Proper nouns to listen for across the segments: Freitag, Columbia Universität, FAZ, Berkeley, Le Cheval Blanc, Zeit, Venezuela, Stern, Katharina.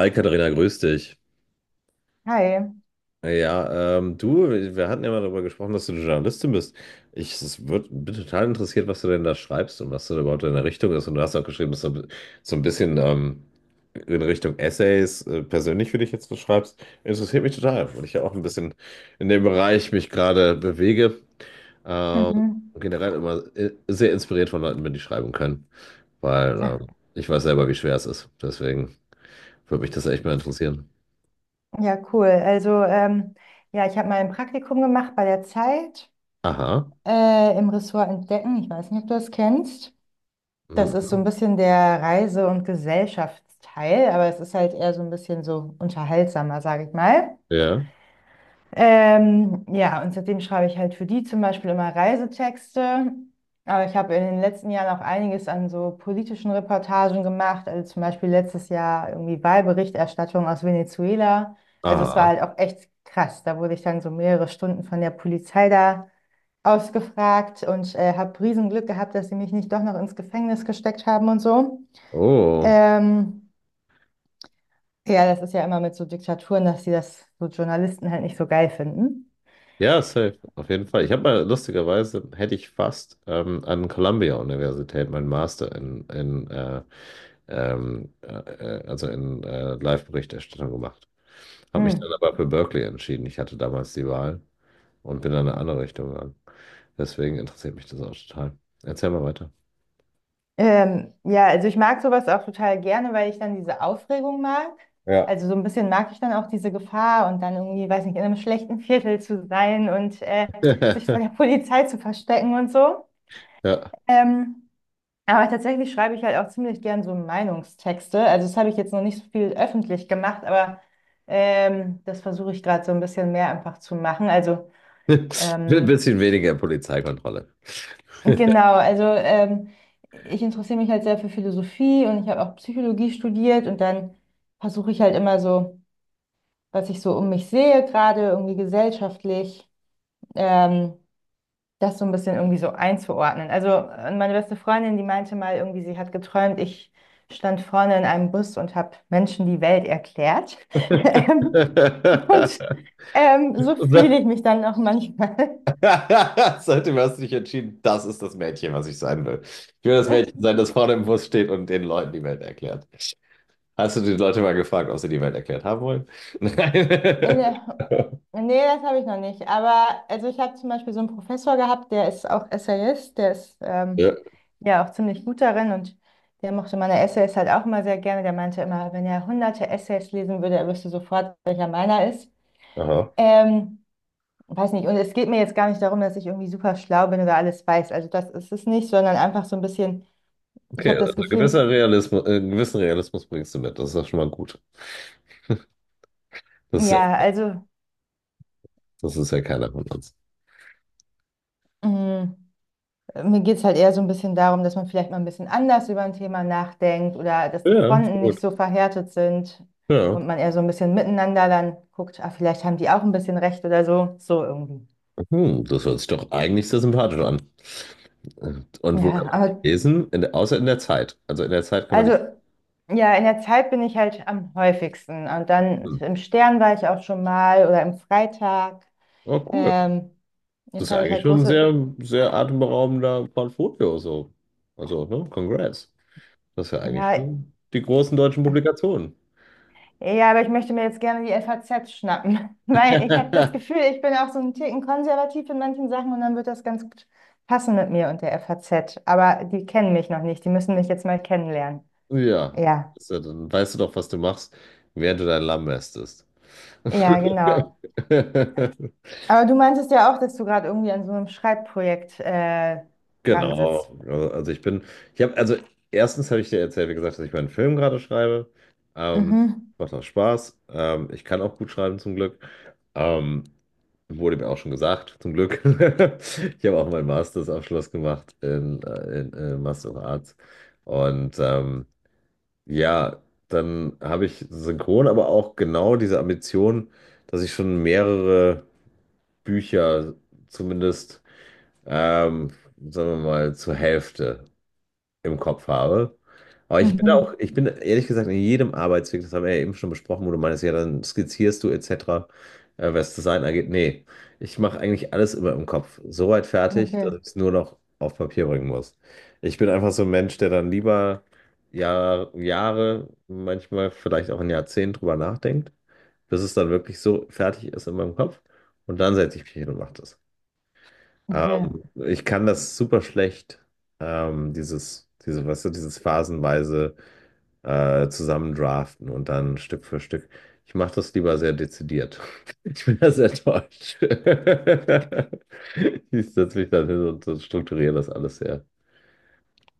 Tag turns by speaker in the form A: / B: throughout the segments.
A: Hi Katharina, grüß dich.
B: Hi.
A: Ja, du, wir hatten ja mal darüber gesprochen, dass du eine Journalistin bist. Bin total interessiert, was du denn da schreibst und was da überhaupt deine Richtung ist. Und du hast auch geschrieben, dass du so ein bisschen in Richtung Essays persönlich für dich jetzt was schreibst. Interessiert mich total, weil ich ja auch ein bisschen in dem Bereich mich gerade bewege. Ähm,
B: Mhm.
A: Generell immer sehr inspiriert von Leuten, wenn die schreiben können, weil
B: Ja,
A: ich weiß selber, wie schwer es ist. Deswegen würde mich das echt mal interessieren.
B: ja, cool. Also, ja, ich habe mal ein Praktikum gemacht bei der Zeit
A: Aha.
B: im Ressort Entdecken. Ich weiß nicht, ob du das kennst. Das ist so ein
A: Mhm.
B: bisschen der Reise- und Gesellschaftsteil, aber es ist halt eher so ein bisschen so unterhaltsamer, sage ich mal.
A: Ja.
B: Ja, und seitdem schreibe ich halt für die zum Beispiel immer Reisetexte. Aber ich habe in den letzten Jahren auch einiges an so politischen Reportagen gemacht. Also zum Beispiel letztes Jahr irgendwie Wahlberichterstattung aus Venezuela. Also es war
A: Ah.
B: halt auch echt krass. Da wurde ich dann so mehrere Stunden von der Polizei da ausgefragt und habe Riesenglück gehabt, dass sie mich nicht doch noch ins Gefängnis gesteckt haben und so.
A: Oh.
B: Ähm, ja, das ist ja immer mit so Diktaturen, dass sie das so Journalisten halt nicht so geil finden.
A: Ja, safe. Auf jeden Fall. Ich habe mal lustigerweise, hätte ich fast an Columbia Universität meinen Master in ähm, äh, also in Live-Berichterstattung gemacht. Habe mich dann
B: Hm.
A: aber für Berkeley entschieden. Ich hatte damals die Wahl und bin dann in eine andere Richtung gegangen. Deswegen interessiert mich das auch total. Erzähl mal weiter.
B: Ja, also ich mag sowas auch total gerne, weil ich dann diese Aufregung mag.
A: Ja.
B: Also so ein bisschen mag ich dann auch diese Gefahr und dann irgendwie, weiß nicht, in einem schlechten Viertel zu sein und sich vor der Polizei zu verstecken und so.
A: Ja.
B: Ähm, aber tatsächlich schreibe ich halt auch ziemlich gern so Meinungstexte. Also das habe ich jetzt noch nicht so viel öffentlich gemacht, aber das versuche ich gerade so ein bisschen mehr einfach zu machen. Also
A: Ein
B: ähm,
A: bisschen weniger Polizeikontrolle.
B: Genau, also ich interessiere mich halt sehr für Philosophie und ich habe auch Psychologie studiert und dann versuche ich halt immer so, was ich so um mich sehe, gerade irgendwie gesellschaftlich, ähm, das so ein bisschen irgendwie so einzuordnen. Also meine beste Freundin, die meinte mal irgendwie, sie hat geträumt, ich stand vorne in einem Bus und habe Menschen die Welt erklärt. Ähm, und so
A: Das.
B: fühle ich mich dann auch manchmal.
A: Seitdem hast du dich entschieden, das ist das Mädchen, was ich sein will. Ich will das Mädchen sein, das vorne im Bus steht und den Leuten die Welt erklärt. Hast du die Leute mal gefragt, ob sie die Welt erklärt haben wollen? Nein.
B: Äh, Nee, das habe ich noch nicht. Aber also ich habe zum Beispiel so einen Professor gehabt, der ist auch Essayist, der ist
A: Ja.
B: ja auch ziemlich gut darin und der mochte meine Essays halt auch immer sehr gerne. Der meinte immer, wenn er hunderte Essays lesen würde, er wüsste sofort, welcher meiner ist.
A: Aha.
B: Ähm, weiß nicht, und es geht mir jetzt gar nicht darum, dass ich irgendwie super schlau bin oder alles weiß. Also das ist es nicht, sondern einfach so ein bisschen, ich
A: Okay,
B: habe das
A: also
B: Gefühl,
A: einen gewissen Realismus bringst du mit. Das ist doch schon mal gut. Das ist ja,
B: ja, also.
A: das ist ja keiner von uns.
B: mm, Mir geht es halt eher so ein bisschen darum, dass man vielleicht mal ein bisschen anders über ein Thema nachdenkt oder dass die
A: Ja, so
B: Fronten nicht
A: gut.
B: so verhärtet sind
A: Ja.
B: und man eher so ein bisschen miteinander dann guckt, ah, vielleicht haben die auch ein bisschen recht oder so, so irgendwie.
A: Hm, das hört sich doch eigentlich sehr sympathisch an. Und wo kann
B: Ja,
A: man dich
B: aber
A: lesen? In der, außer in der Zeit. Also in der Zeit kann man dich
B: also ja, in der Zeit bin ich halt am häufigsten und dann
A: lesen.
B: im Stern war ich auch schon mal oder im Freitag.
A: Oh, cool.
B: Ähm,
A: Das
B: jetzt
A: ist ja
B: habe ich
A: eigentlich
B: halt
A: schon ein
B: große,
A: sehr, sehr atemberaubender Portfolio so. Also, ne? Congrats. Das ist ja eigentlich
B: ja,
A: schon die großen deutschen Publikationen.
B: Ja, aber ich möchte mir jetzt gerne die FAZ schnappen, weil ich habe das Gefühl, ich bin auch so einen Ticken konservativ in manchen Sachen und dann wird das ganz gut passen mit mir und der FAZ. Aber die kennen mich noch nicht, die müssen mich jetzt mal kennenlernen.
A: Ja,
B: Ja,
A: ist ja, dann weißt du doch, was du machst, während du dein Lamm mästest.
B: ja, genau. Aber du meintest ja auch, dass du gerade irgendwie an so einem Schreibprojekt dran sitzt.
A: Genau. Also ich bin, ich habe, also erstens habe ich dir erzählt, wie gesagt, dass ich meinen Film gerade schreibe. Ähm,
B: Mhm.
A: macht auch Spaß. Ich kann auch gut schreiben zum Glück. Ähm, wurde mir auch schon gesagt, zum Glück. Ich habe auch meinen Masterabschluss gemacht in Master of Arts. Und ja, dann habe ich synchron aber auch genau diese Ambition, dass ich schon mehrere Bücher zumindest, ähm, sagen wir mal, zur Hälfte im Kopf habe. Aber
B: Mhm.
A: ich bin ehrlich gesagt in jedem Arbeitsweg, das haben wir ja eben schon besprochen, wo du meinst, ja, dann skizzierst du etc., was Design angeht. Nee, ich mache eigentlich alles immer im Kopf. So weit fertig, dass
B: Okay,
A: ich es nur noch auf Papier bringen muss. Ich bin einfach so ein Mensch, der dann lieber Jahre, manchmal vielleicht auch ein Jahrzehnt drüber nachdenkt, bis es dann wirklich so fertig ist in meinem Kopf. Und dann setze ich mich hin und mache das.
B: okay.
A: Ich kann das super schlecht, weißt du, dieses phasenweise zusammendraften und dann Stück für Stück. Ich mache das lieber sehr dezidiert. Ich bin da sehr deutsch. Ich setze mich dann hin und strukturiere das alles sehr.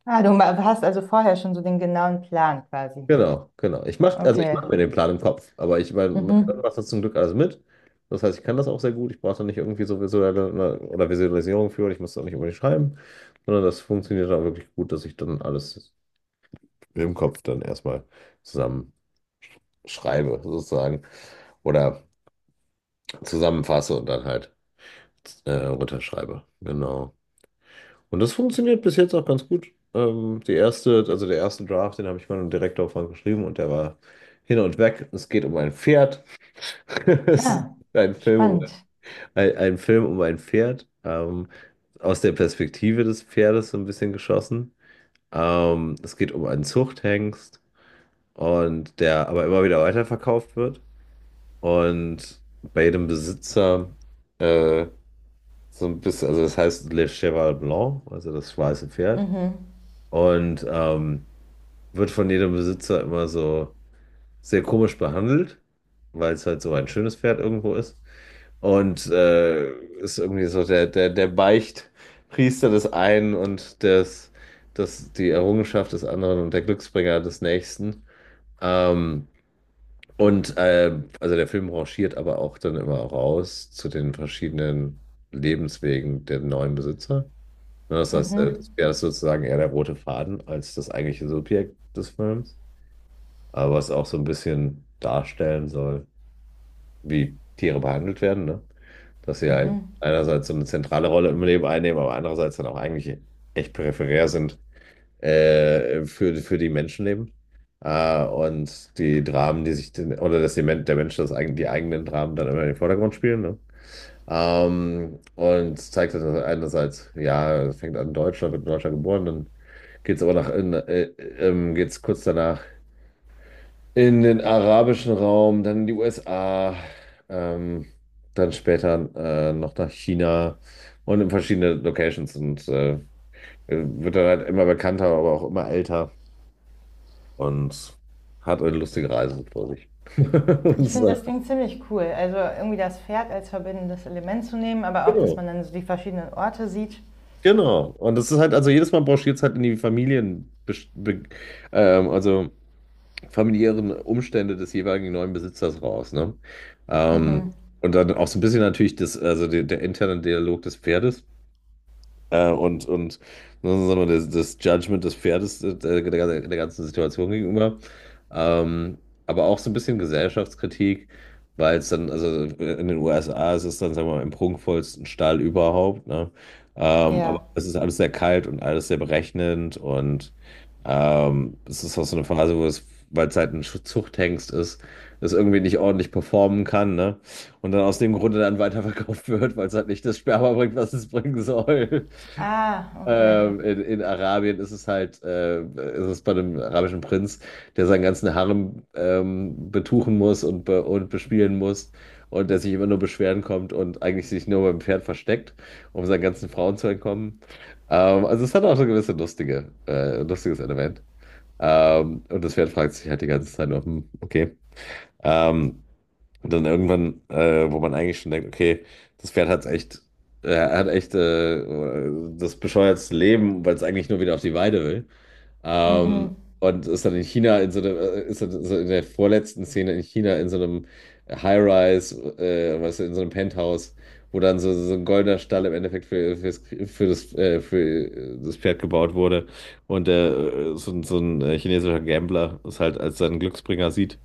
B: Ah, du hast also vorher schon so den genauen Plan quasi.
A: Genau. Also ich mache
B: Okay.
A: mir den Plan im Kopf, aber mein Gehirn
B: Mhm.
A: macht das zum Glück alles mit. Das heißt, ich kann das auch sehr gut. Ich brauche da nicht irgendwie so visuelle ne, oder Visualisierung für und ich muss da nicht unbedingt schreiben, sondern das funktioniert dann wirklich gut, dass ich dann alles im Kopf dann erstmal zusammen schreibe, sozusagen. Oder zusammenfasse und dann halt runterschreibe. Genau. Und das funktioniert bis jetzt auch ganz gut. Also der erste Draft, den habe ich mal einem Direktor von geschrieben und der war hin und weg. Es geht um ein Pferd. Es ist
B: Ah,
A: ein Film um
B: spannend.
A: ein Film um ein Pferd, aus der Perspektive des Pferdes so ein bisschen geschossen. Es geht um einen Zuchthengst und der aber immer wieder weiterverkauft wird und bei jedem Besitzer äh, so ein bisschen, also das heißt Le Cheval Blanc, also das weiße Pferd.
B: Mhm.
A: Und wird von jedem Besitzer immer so sehr komisch behandelt, weil es halt so ein schönes Pferd irgendwo ist. Und ist irgendwie so der Beichtpriester des einen und die Errungenschaft des anderen und der Glücksbringer des nächsten. Ähm, also der Film rangiert aber auch dann immer raus zu den verschiedenen Lebenswegen der neuen Besitzer. Ne, das heißt, Mhm.
B: Mhm.
A: Das wäre sozusagen eher der rote Faden als das eigentliche Subjekt des Films, aber es auch so ein bisschen darstellen soll, wie Tiere behandelt werden, ne? Dass sie Mhm.
B: Mhm.
A: Einerseits so eine zentrale Rolle im Leben einnehmen, aber andererseits dann auch eigentlich echt peripherär sind für die Menschenleben. Und die Dramen, die sich, den- oder dass die, Men- der Mensch die eigenen Dramen dann immer in den Vordergrund spielen, ne? Und zeigt das einerseits, ja, es fängt an in Deutschland, wird in Deutschland geboren, dann geht's kurz danach in den arabischen Raum, dann in die USA, ähm, dann später noch nach China und in verschiedene Locations, und wird dann halt immer bekannter, aber auch immer älter und hat eine lustige Reise vor sich. Und
B: Ich finde
A: so.
B: das Ding ziemlich cool. Also irgendwie das Pferd als verbindendes Element zu nehmen, aber auch, dass
A: Genau,
B: man dann so die verschiedenen Orte sieht.
A: genau. Und das ist halt, also jedes Mal brauchst du jetzt halt in die Familien, ähm, also familiären Umstände des jeweiligen neuen Besitzers raus, ne? Ähm,
B: Mhm.
A: und dann auch so ein bisschen natürlich das, also der interne Dialog des Pferdes und ne, sagen wir, das Judgment des Pferdes der ganzen Situation gegenüber. Ähm, aber auch so ein bisschen Gesellschaftskritik, weil es dann, also in den USA ist es dann, sagen wir mal, im prunkvollsten Stall überhaupt, ne? Ja,
B: Ja.
A: aber es ist alles sehr kalt und alles sehr berechnend, und es ist auch so eine Phase, wo es, weil es halt ein Zuchthengst ist, es irgendwie nicht ordentlich performen kann, ne? Und dann aus dem Grunde dann weiterverkauft wird, weil es halt nicht das Sperma bringt, was es bringen soll.
B: Ah, okay.
A: In Arabien ist es halt, ist es bei dem arabischen Prinz, der seinen ganzen Harem betuchen muss und bespielen muss und der sich immer nur beschweren kommt und eigentlich sich nur beim Pferd versteckt, um seinen ganzen Frauen zu entkommen. Also es hat auch so gewisse lustiges Element. Und das Pferd fragt sich halt die ganze Zeit nur, hm, okay. Ähm, und dann irgendwann, wo man eigentlich schon denkt, okay, das Pferd hat echt, äh, hat echt äh, das bescheuertste Leben, weil es eigentlich nur wieder auf die Weide will. Ähm,
B: Mhm.
A: und ist dann in China in so einem, ist dann so in der vorletzten Szene in China in so einem High-Rise, weißt du, in so einem Penthouse, wo dann so ein goldener Stall im Endeffekt für das Pferd gebaut wurde. Und so ein chinesischer Gambler es halt als seinen Glücksbringer sieht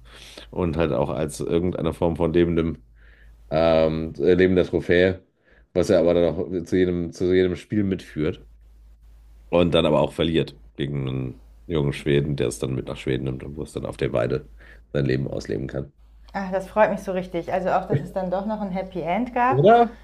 A: und halt auch als irgendeine Form von lebendem, lebender Trophäe, was er aber dann auch zu jedem Spiel mitführt und dann aber auch verliert gegen einen jungen Schweden, der es dann mit nach Schweden nimmt und wo es dann auf der Weide sein Leben ausleben kann.
B: Ach, das freut mich so richtig. Also auch, dass es dann doch noch ein Happy End gab.
A: Oder?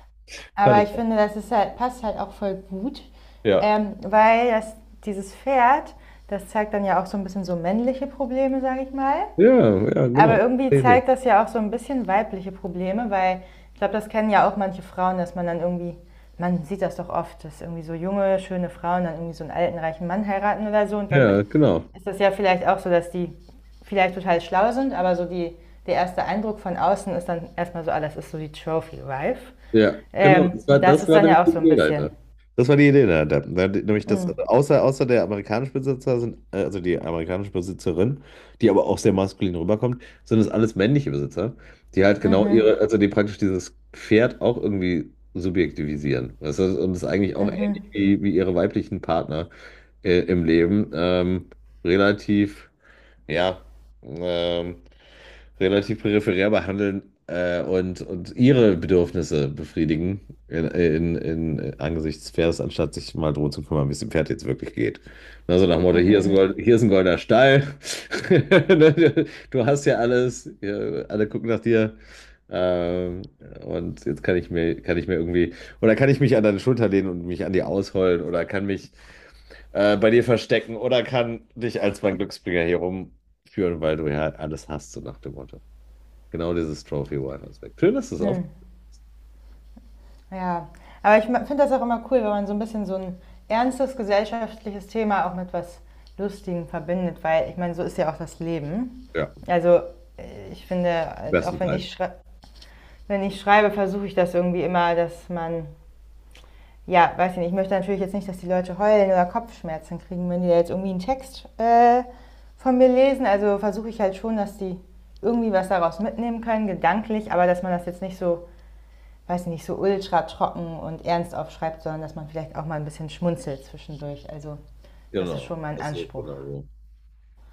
A: Fand
B: Aber ich
A: ich.
B: finde, das ist halt, passt halt auch voll gut,
A: Ja.
B: weil das, dieses Pferd, das zeigt dann ja auch so ein bisschen so männliche Probleme, sage ich mal.
A: Ja, ja,
B: Aber
A: genau.
B: irgendwie
A: Idee.
B: zeigt das ja auch so ein bisschen weibliche Probleme, weil ich glaube, das kennen ja auch manche Frauen, dass man dann irgendwie, man sieht das doch oft, dass irgendwie so junge, schöne Frauen dann irgendwie so einen alten, reichen Mann heiraten oder so. Und dann
A: Ja, genau.
B: ist das ja vielleicht auch so, dass die vielleicht total schlau sind, aber so die, der erste Eindruck von außen ist dann erstmal so, ah, das ist so die Trophy Wife.
A: Ja, genau.
B: Und das
A: Das
B: ist
A: war
B: dann
A: nämlich
B: ja auch
A: die
B: so ein
A: Idee
B: bisschen.
A: dahinter. Das war die Idee dahinter. Da, nämlich dass,
B: Mm,
A: also außer der amerikanische Besitzer sind, also die amerikanische Besitzerin, die aber auch sehr maskulin rüberkommt, sind es alles männliche Besitzer, die halt genau ihre, also die praktisch dieses Pferd auch irgendwie subjektivisieren. Und das ist eigentlich auch ähnlich wie, wie ihre weiblichen Partner im Leben, relativ, ja, ähm, relativ peripherär behandeln und ihre Bedürfnisse befriedigen angesichts Fairs, anstatt sich mal drum zu kümmern, wie es dem Pferd jetzt wirklich geht. Na, so nach dem Motto,
B: mhm,
A: Hier ist ein goldener Stall. Du hast ja alles, hier, alle gucken nach dir. Ähm, und jetzt kann ich mir irgendwie, oder kann ich mich an deine Schulter lehnen und mich an dir ausheulen oder kann mich bei dir verstecken oder kann dich als mein Glücksbringer hier rumführen, weil du ja alles hast, so nach dem Motto. Genau dieses Trophy-Wife-Aspekt. Schön, dass du es auf.
B: mm. Ja, aber ich finde das auch immer cool, wenn man so ein bisschen so ein ernstes gesellschaftliches Thema auch mit was Lustigem verbindet, weil ich meine, so ist ja auch das Leben.
A: Ja,
B: Also ich finde,
A: im besten
B: auch wenn
A: Fall.
B: ich, schrei wenn ich schreibe, versuche ich das irgendwie immer, dass man, ja, weiß ich nicht, ich möchte natürlich jetzt nicht, dass die Leute heulen oder Kopfschmerzen kriegen, wenn die da jetzt irgendwie einen Text von mir lesen. Also versuche ich halt schon, dass die irgendwie was daraus mitnehmen können, gedanklich, aber dass man das jetzt nicht so weiß nicht, so ultra trocken und ernst aufschreibt, sondern dass man vielleicht auch mal ein bisschen schmunzelt zwischendurch. Also das ist
A: Genau,
B: schon mein
A: das sehe ich
B: Anspruch.
A: genauso.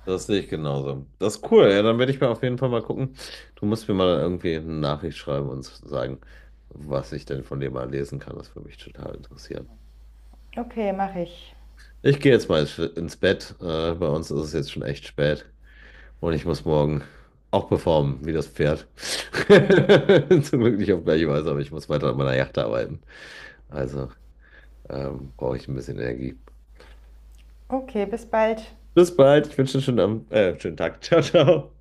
A: Das sehe ich genauso. Das ist cool. Ja, dann werde ich mir auf jeden Fall mal gucken. Du musst mir mal irgendwie eine Nachricht schreiben und sagen, was ich denn von dir mal lesen kann. Das würde mich total interessieren.
B: Okay, mache ich.
A: Ich gehe jetzt mal ins Bett. Bei uns ist es jetzt schon echt spät. Und ich muss morgen auch performen, wie das Pferd.
B: Mm.
A: Zum Glück nicht auf gleiche Weise, aber ich muss weiter an meiner Yacht arbeiten. Also brauche ich ein bisschen Energie.
B: Okay, bis bald.
A: Bis bald. Ich wünsche dir einen schönen Tag. Ciao, ciao.